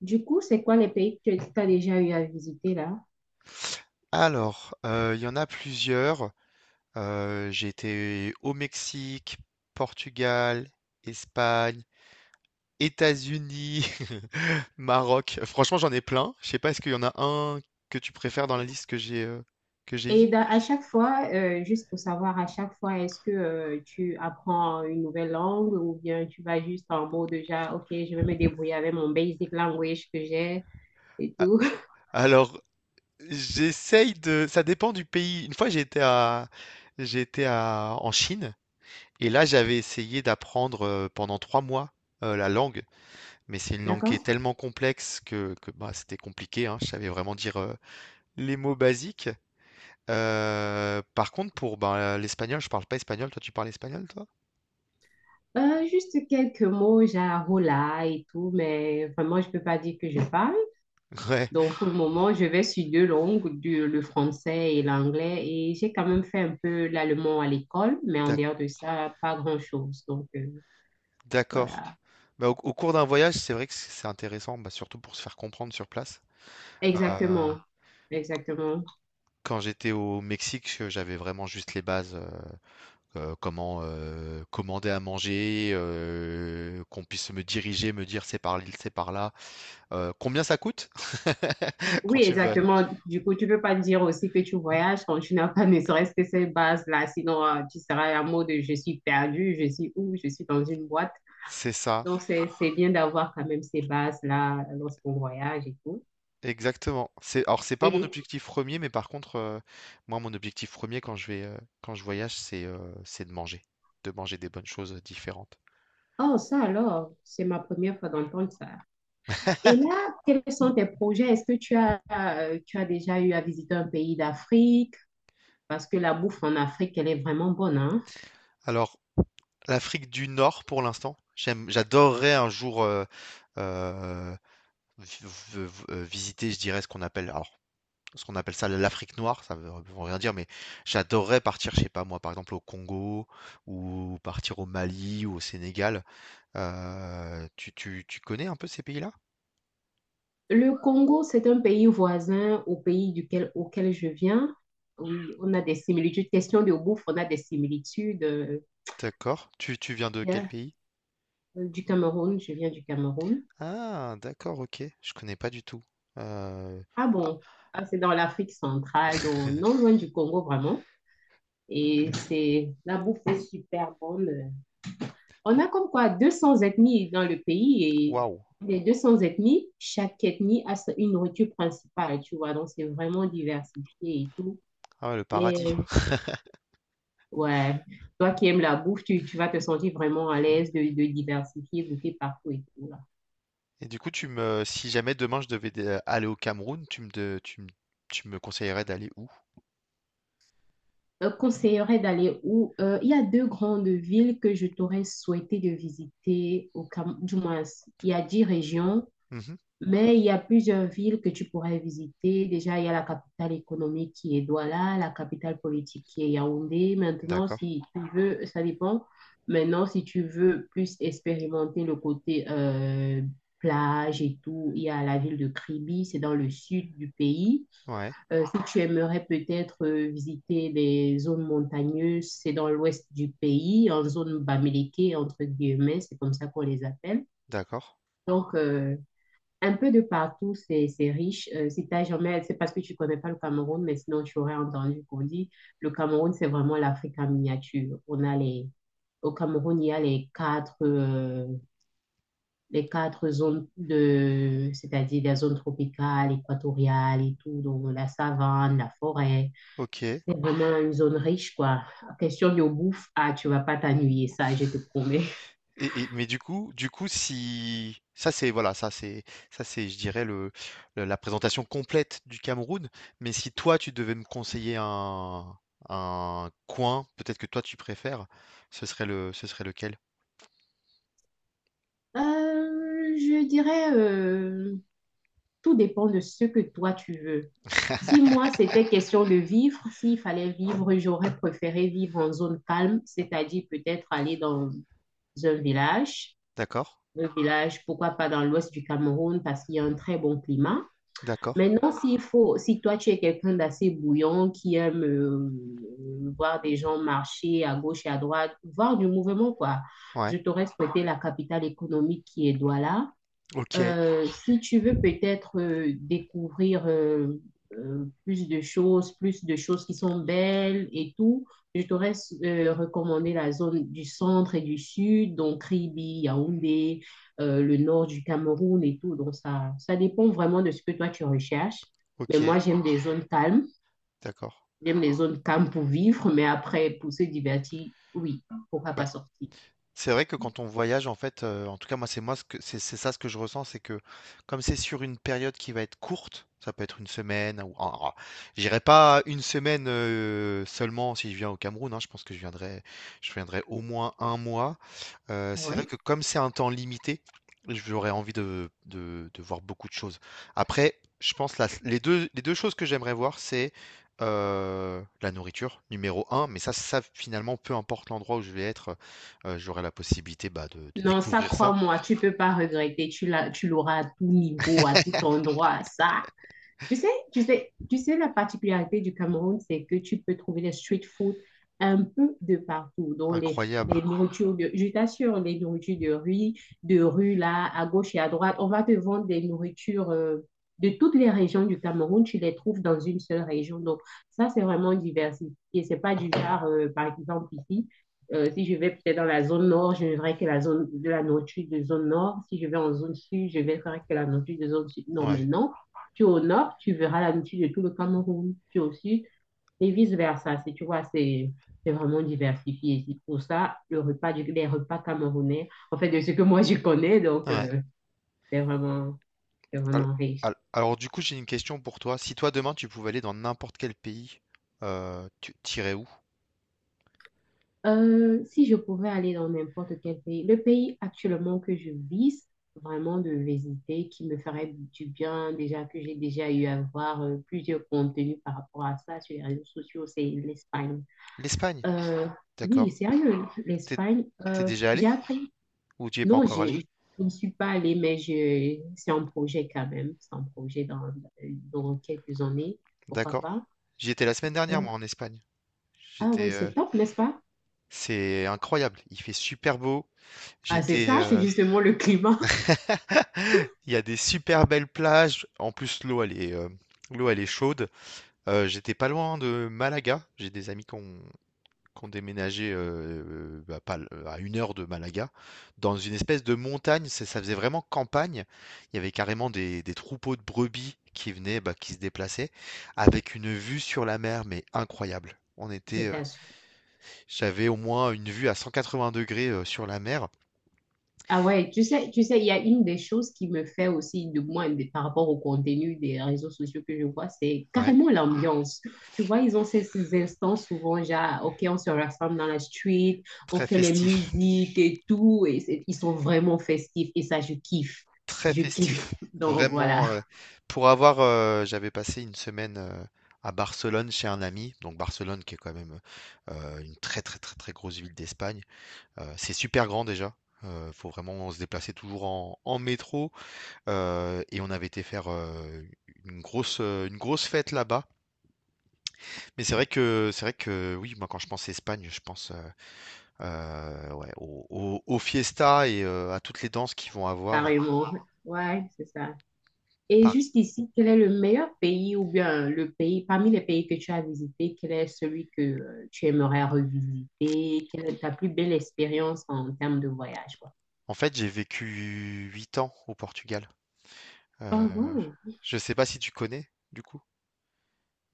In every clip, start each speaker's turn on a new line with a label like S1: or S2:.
S1: Du coup, c'est quoi les pays que tu as déjà eu à visiter là?
S2: Alors, il y en a plusieurs. J'ai été au Mexique, Portugal, Espagne, États-Unis, Maroc. Franchement, j'en ai plein. Je sais pas, est-ce qu'il y en a un que tu préfères dans la liste que j'ai dit?
S1: À chaque fois, juste pour savoir, à chaque fois, est-ce que tu apprends une nouvelle langue ou bien tu vas juste en mode déjà, OK, je vais me débrouiller avec mon basic language que j'ai et
S2: A
S1: tout?
S2: alors, j'essaye de ça dépend du pays. Une fois, j'étais à en Chine et là, j'avais essayé d'apprendre, pendant 3 mois, la langue. Mais c'est une langue qui
S1: D'accord?
S2: est tellement complexe que, bah, c'était compliqué, hein. Je savais vraiment dire les mots basiques. Par contre, pour bah, l'espagnol, je parle pas espagnol. Toi, tu parles espagnol, toi?
S1: Juste quelques mots, genre hola et tout, mais vraiment, je ne peux pas dire que je parle.
S2: Ouais,
S1: Donc, pour le moment, je vais sur deux langues, le français et l'anglais, et j'ai quand même fait un peu l'allemand à l'école, mais en
S2: d'ac-
S1: dehors de ça, pas grand-chose.
S2: d'accord.
S1: Voilà.
S2: Bah, au cours d'un voyage, c'est vrai que c'est intéressant, bah, surtout pour se faire comprendre sur place. Euh,
S1: Exactement. Exactement.
S2: Quand j'étais au Mexique, j'avais vraiment juste les bases. Comment commander à manger, qu'on puisse me diriger, me dire c'est par l'île, c'est par là. Combien ça coûte quand
S1: Oui,
S2: tu veux?
S1: exactement. Du coup, tu peux pas dire aussi que tu voyages quand tu n'as pas ne serait-ce que ces bases-là, sinon tu seras à mot de je suis perdu, je suis où, je suis dans une boîte.
S2: C'est ça,
S1: Donc, c'est bien d'avoir quand même ces bases-là lorsqu'on voyage et tout.
S2: exactement. C'est, alors c'est pas mon
S1: Et,
S2: objectif premier, mais par contre, moi mon objectif premier quand je vais quand je voyage, c'est de manger des bonnes choses différentes.
S1: oh, ça alors, c'est ma première fois d'entendre ça. Et là, quels sont tes projets? Est-ce que tu as déjà eu à visiter un pays d'Afrique? Parce que la bouffe en Afrique, elle est vraiment bonne, hein?
S2: Alors, l'Afrique du Nord pour l'instant, j'adorerais un jour euh, vi- visiter, je dirais ce qu'on appelle, alors ce qu'on appelle ça l'Afrique noire, ça veut rien dire, mais j'adorerais partir, je sais pas moi, par exemple au Congo ou partir au Mali ou au Sénégal. Tu connais un peu ces pays-là?
S1: Le Congo, c'est un pays voisin au pays auquel je viens. Oui, on a des similitudes. Question de bouffe, on a des similitudes.
S2: D'accord. Tu viens de quel
S1: Yeah.
S2: pays?
S1: Du Cameroun, je viens du Cameroun.
S2: Ah, d'accord, ok. Je connais pas du tout. Euh,
S1: Ah
S2: ah,
S1: bon? Ah, c'est dans l'Afrique centrale, donc non loin du Congo vraiment. Et c'est la bouffe est super bonne. On a comme quoi 200 ethnies dans le pays et
S2: waouh.
S1: les 200 ethnies, chaque ethnie a une nourriture principale, tu vois. Donc c'est vraiment diversifié et tout.
S2: Ah ouais, le
S1: Les...
S2: paradis.
S1: Ouais, toi qui aimes la bouffe, tu vas te sentir vraiment à l'aise de diversifier, goûter partout et tout
S2: Et du coup, si jamais demain je devais aller au Cameroun, tu me, de- tu me conseillerais d'aller où?
S1: conseillerais d'aller où? Il y a deux grandes villes que je t'aurais souhaité de visiter au Cam... Du moins, il y a 10 régions,
S2: Mhm.
S1: mais il y a plusieurs villes que tu pourrais visiter. Déjà, il y a la capitale économique qui est Douala, la capitale politique qui est Yaoundé. Maintenant,
S2: D'accord.
S1: si tu veux, ça dépend. Maintenant, si tu veux plus expérimenter le côté plage et tout, il y a la ville de Kribi, c'est dans le sud du pays.
S2: Ouais.
S1: Si tu aimerais peut-être visiter les zones montagneuses, c'est dans l'ouest du pays, en zone Bamileke, entre guillemets, c'est comme ça qu'on les appelle.
S2: D'accord.
S1: Donc, euh, un peu de partout, c'est riche. Si t'as jamais, c'est parce que tu connais pas le Cameroun, mais sinon tu aurais entendu qu'on dit le Cameroun, c'est vraiment l'Afrique en miniature. Au Cameroun, il y a les quatre zones de, c'est-à-dire la zone tropicale, équatoriale et tout, donc la savane, la forêt.
S2: Ok.
S1: C'est vraiment une zone riche, quoi. Question de bouffe, ah, tu vas pas t'ennuyer, ça, je te promets.
S2: Mais du coup si ça c'est voilà, ça c'est je dirais le la présentation complète du Cameroun. Mais si toi tu devais me conseiller un coin, peut-être que toi tu préfères, ce serait le ce serait lequel?
S1: Euh, je dirais, euh, Tout dépend de ce que toi tu veux. Si moi, c'était question de vivre, s'il fallait vivre, j'aurais préféré vivre en zone calme, c'est-à-dire peut-être aller dans un village.
S2: D'accord,
S1: Un village, pourquoi pas dans l'ouest du Cameroun, parce qu'il y a un très bon climat.
S2: d'accord.
S1: Maintenant, s'il faut, si toi tu es quelqu'un d'assez bouillant, qui aime voir des gens marcher à gauche et à droite, voir du mouvement, quoi,
S2: Ouais.
S1: je t'aurais souhaité la capitale économique qui est Douala.
S2: OK,
S1: Si tu veux peut-être découvrir plus de choses qui sont belles et tout, je t'aurais recommandé la zone du centre et du sud, donc Kribi, Yaoundé, le nord du Cameroun et tout. Donc ça dépend vraiment de ce que toi tu recherches. Mais
S2: OK,
S1: moi,
S2: d'accord. Bah,
S1: j'aime les zones calmes pour vivre, mais après, pour se divertir, oui, pourquoi pas sortir?
S2: c'est vrai que quand on voyage, en fait, en tout cas moi c'est moi ce que c'est ça ce que je ressens, c'est que comme c'est sur une période qui va être courte, ça peut être une semaine ou en ra j'irai pas une semaine, seulement si je viens au Cameroun, hein, je pense que je viendrai au moins un mois. C'est
S1: Oui.
S2: vrai que comme c'est un temps limité, j'aurais envie de voir beaucoup de choses. Après, je pense la les 2 choses que j'aimerais voir, c'est, la nourriture, numéro un, mais ça finalement, peu importe l'endroit où je vais être, heu, j'aurai la possibilité, bah, de
S1: Non, ça,
S2: découvrir ça.
S1: crois-moi, tu peux pas regretter. Tu l'as, tu l'auras à tout niveau, à tout endroit. Ça, tu sais, la particularité du Cameroun, c'est que tu peux trouver les street food un peu de partout.
S2: Incroyable.
S1: Les nourritures de, je t'assure, les de rue là, à gauche et à droite, on va te vendre des nourritures de toutes les régions du Cameroun. Tu les trouves dans une seule région. Donc, ça, c'est vraiment diversifié. C'est pas du genre, par exemple, ici. Si je vais peut-être dans la zone nord, je ne verrai que la zone de la nourriture de zone nord. Si je vais en zone sud, je ne verrai que la nourriture de zone sud. Non,
S2: Ouais,
S1: mais non. Tu es au nord, tu verras l'amitié de tout le Cameroun. Tu es au sud et vice-versa. Tu vois, c'est vraiment diversifié. C'est pour ça, les repas camerounais, en fait, de ce que moi je connais,
S2: ouais.
S1: c'est vraiment, c'est
S2: Al
S1: vraiment riche.
S2: al alors du coup, j'ai une question pour toi. Si toi, demain, tu pouvais aller dans n'importe quel pays, tu irais où?
S1: Si je pouvais aller dans n'importe quel pays, le pays actuellement que je vise vraiment de visiter, qui me ferait du bien, déjà que j'ai déjà eu à voir plusieurs contenus par rapport à ça sur les réseaux sociaux, c'est l'Espagne.
S2: L'Espagne?
S1: Euh, oui,
S2: D'accord.
S1: sérieux, l'Espagne,
S2: T'es déjà allé?
S1: j'ai appris.
S2: Ou tu y es pas
S1: Non,
S2: encore allé?
S1: je ne suis pas allée, mais je, c'est un projet quand même. C'est un projet dans quelques années, pourquoi
S2: D'accord.
S1: pas.
S2: J'y étais la semaine dernière,
S1: Donc,
S2: moi, en Espagne.
S1: ah
S2: J'étais,
S1: oui,
S2: euh,
S1: c'est top, n'est-ce pas?
S2: c'est incroyable. Il fait super beau.
S1: Ah, c'est
S2: J'étais,
S1: ça, c'est
S2: euh,
S1: justement le climat.
S2: il y a des super belles plages. En plus, l'eau, elle est chaude. J'étais pas loin de Malaga. J'ai des amis qui ont déménagé bah, pas l- à une heure de Malaga, dans une espèce de montagne. Ça faisait vraiment campagne. Il y avait carrément des troupeaux de brebis qui venaient, bah, qui se déplaçaient, avec une vue sur la mer, mais incroyable.
S1: Je t'assure.
S2: J'avais au moins une vue à 180 degrés sur la mer.
S1: Ah ouais, tu sais, il y a une des choses qui me fait aussi, du moins par rapport au contenu des réseaux sociaux que je vois, c'est
S2: Ouais,
S1: carrément l'ambiance. Tu vois, ces instants souvent, genre, OK, on se rassemble dans la street, on
S2: très
S1: fait les
S2: festif,
S1: musiques et tout, et ils sont vraiment festifs, et ça, je kiffe.
S2: très
S1: Je kiffe.
S2: festif.
S1: Donc voilà,
S2: Vraiment, pour avoir, j'avais passé une semaine à Barcelone chez un ami. Donc Barcelone, qui est quand même une très très très très grosse ville d'Espagne. C'est super grand déjà. Faut vraiment se déplacer toujours en métro. Et on avait été faire une grosse fête là-bas. C'est vrai que oui, moi quand je pense Espagne, je pense. Ouais, au au aux fiestas et à toutes les danses qu'ils vont avoir.
S1: carrément. Ouais, c'est ça. Et
S2: Par
S1: jusqu'ici, quel est le meilleur pays ou bien le pays, parmi les pays que tu as visités, quel est celui que tu aimerais revisiter? Quelle est ta plus belle expérience en termes de voyage, quoi?
S2: en fait, j'ai vécu 8 ans au Portugal. Heu,
S1: Oh, wow.
S2: je sais pas si tu connais, du coup?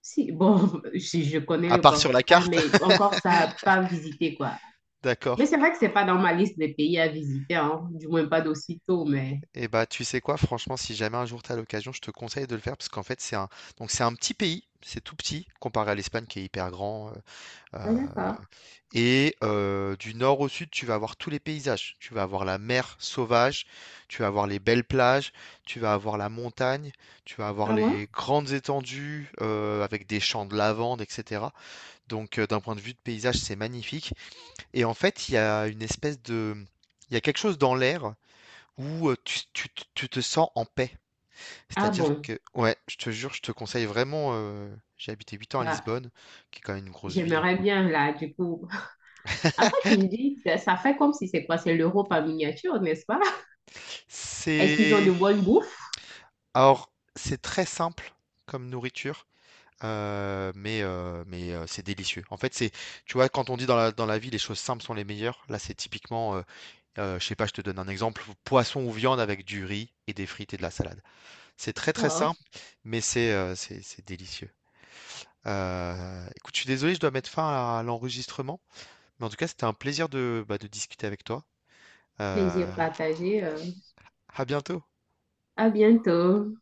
S1: Si, bon, si je connais
S2: À
S1: le
S2: part sur la
S1: Portugal,
S2: carte?
S1: mais encore ça, pas visité, quoi.
S2: D'accord.
S1: Mais c'est vrai que c'est pas dans ma liste des pays à visiter, hein, du moins pas d'aussitôt, mais...
S2: Et bah, tu sais quoi? Franchement, si jamais un jour tu as l'occasion, je te conseille de le faire parce qu'en fait, c'est un petit pays, c'est tout petit comparé à l'Espagne qui est hyper grand, Heu
S1: Ah, d'accord.
S2: et du nord au sud, tu vas avoir tous les paysages. Tu vas avoir la mer sauvage, tu vas avoir les belles plages, tu vas avoir la montagne, tu vas avoir
S1: Ah bon?
S2: les grandes étendues, avec des champs de lavande, et cetera. Donc, d'un point de vue de paysage, c'est magnifique et en fait, il y a quelque chose dans l'air où, tu te sens en paix.
S1: Ah
S2: C'est-à-dire
S1: bon,
S2: que ouais, je te jure, je te conseille vraiment, heu, j'ai habité 8 ans à
S1: ça,
S2: Lisbonne, qui est quand même une grosse ville.
S1: j'aimerais bien, là, du coup. Après, tu me dis, ça fait comme si c'est quoi? C'est l'Europe en miniature, n'est-ce pas? Est-ce qu'ils ont de
S2: C'est
S1: bonnes bouffes?
S2: Alors, c'est très simple comme nourriture, mais c'est délicieux. En fait, c'est, tu vois, quand on dit dans la vie, les choses simples sont les meilleures, là, c'est typiquement, je sais pas, je te donne un exemple, poisson ou viande avec du riz et des frites et de la salade. C'est très très
S1: Oh,
S2: simple, mais c'est délicieux. Écoute, je suis désolé, je dois mettre fin à l'enregistrement, mais en tout cas, c'était un plaisir de, bah, de discuter avec toi.
S1: plaisir
S2: Euh,
S1: partagé.
S2: à bientôt.
S1: À bientôt.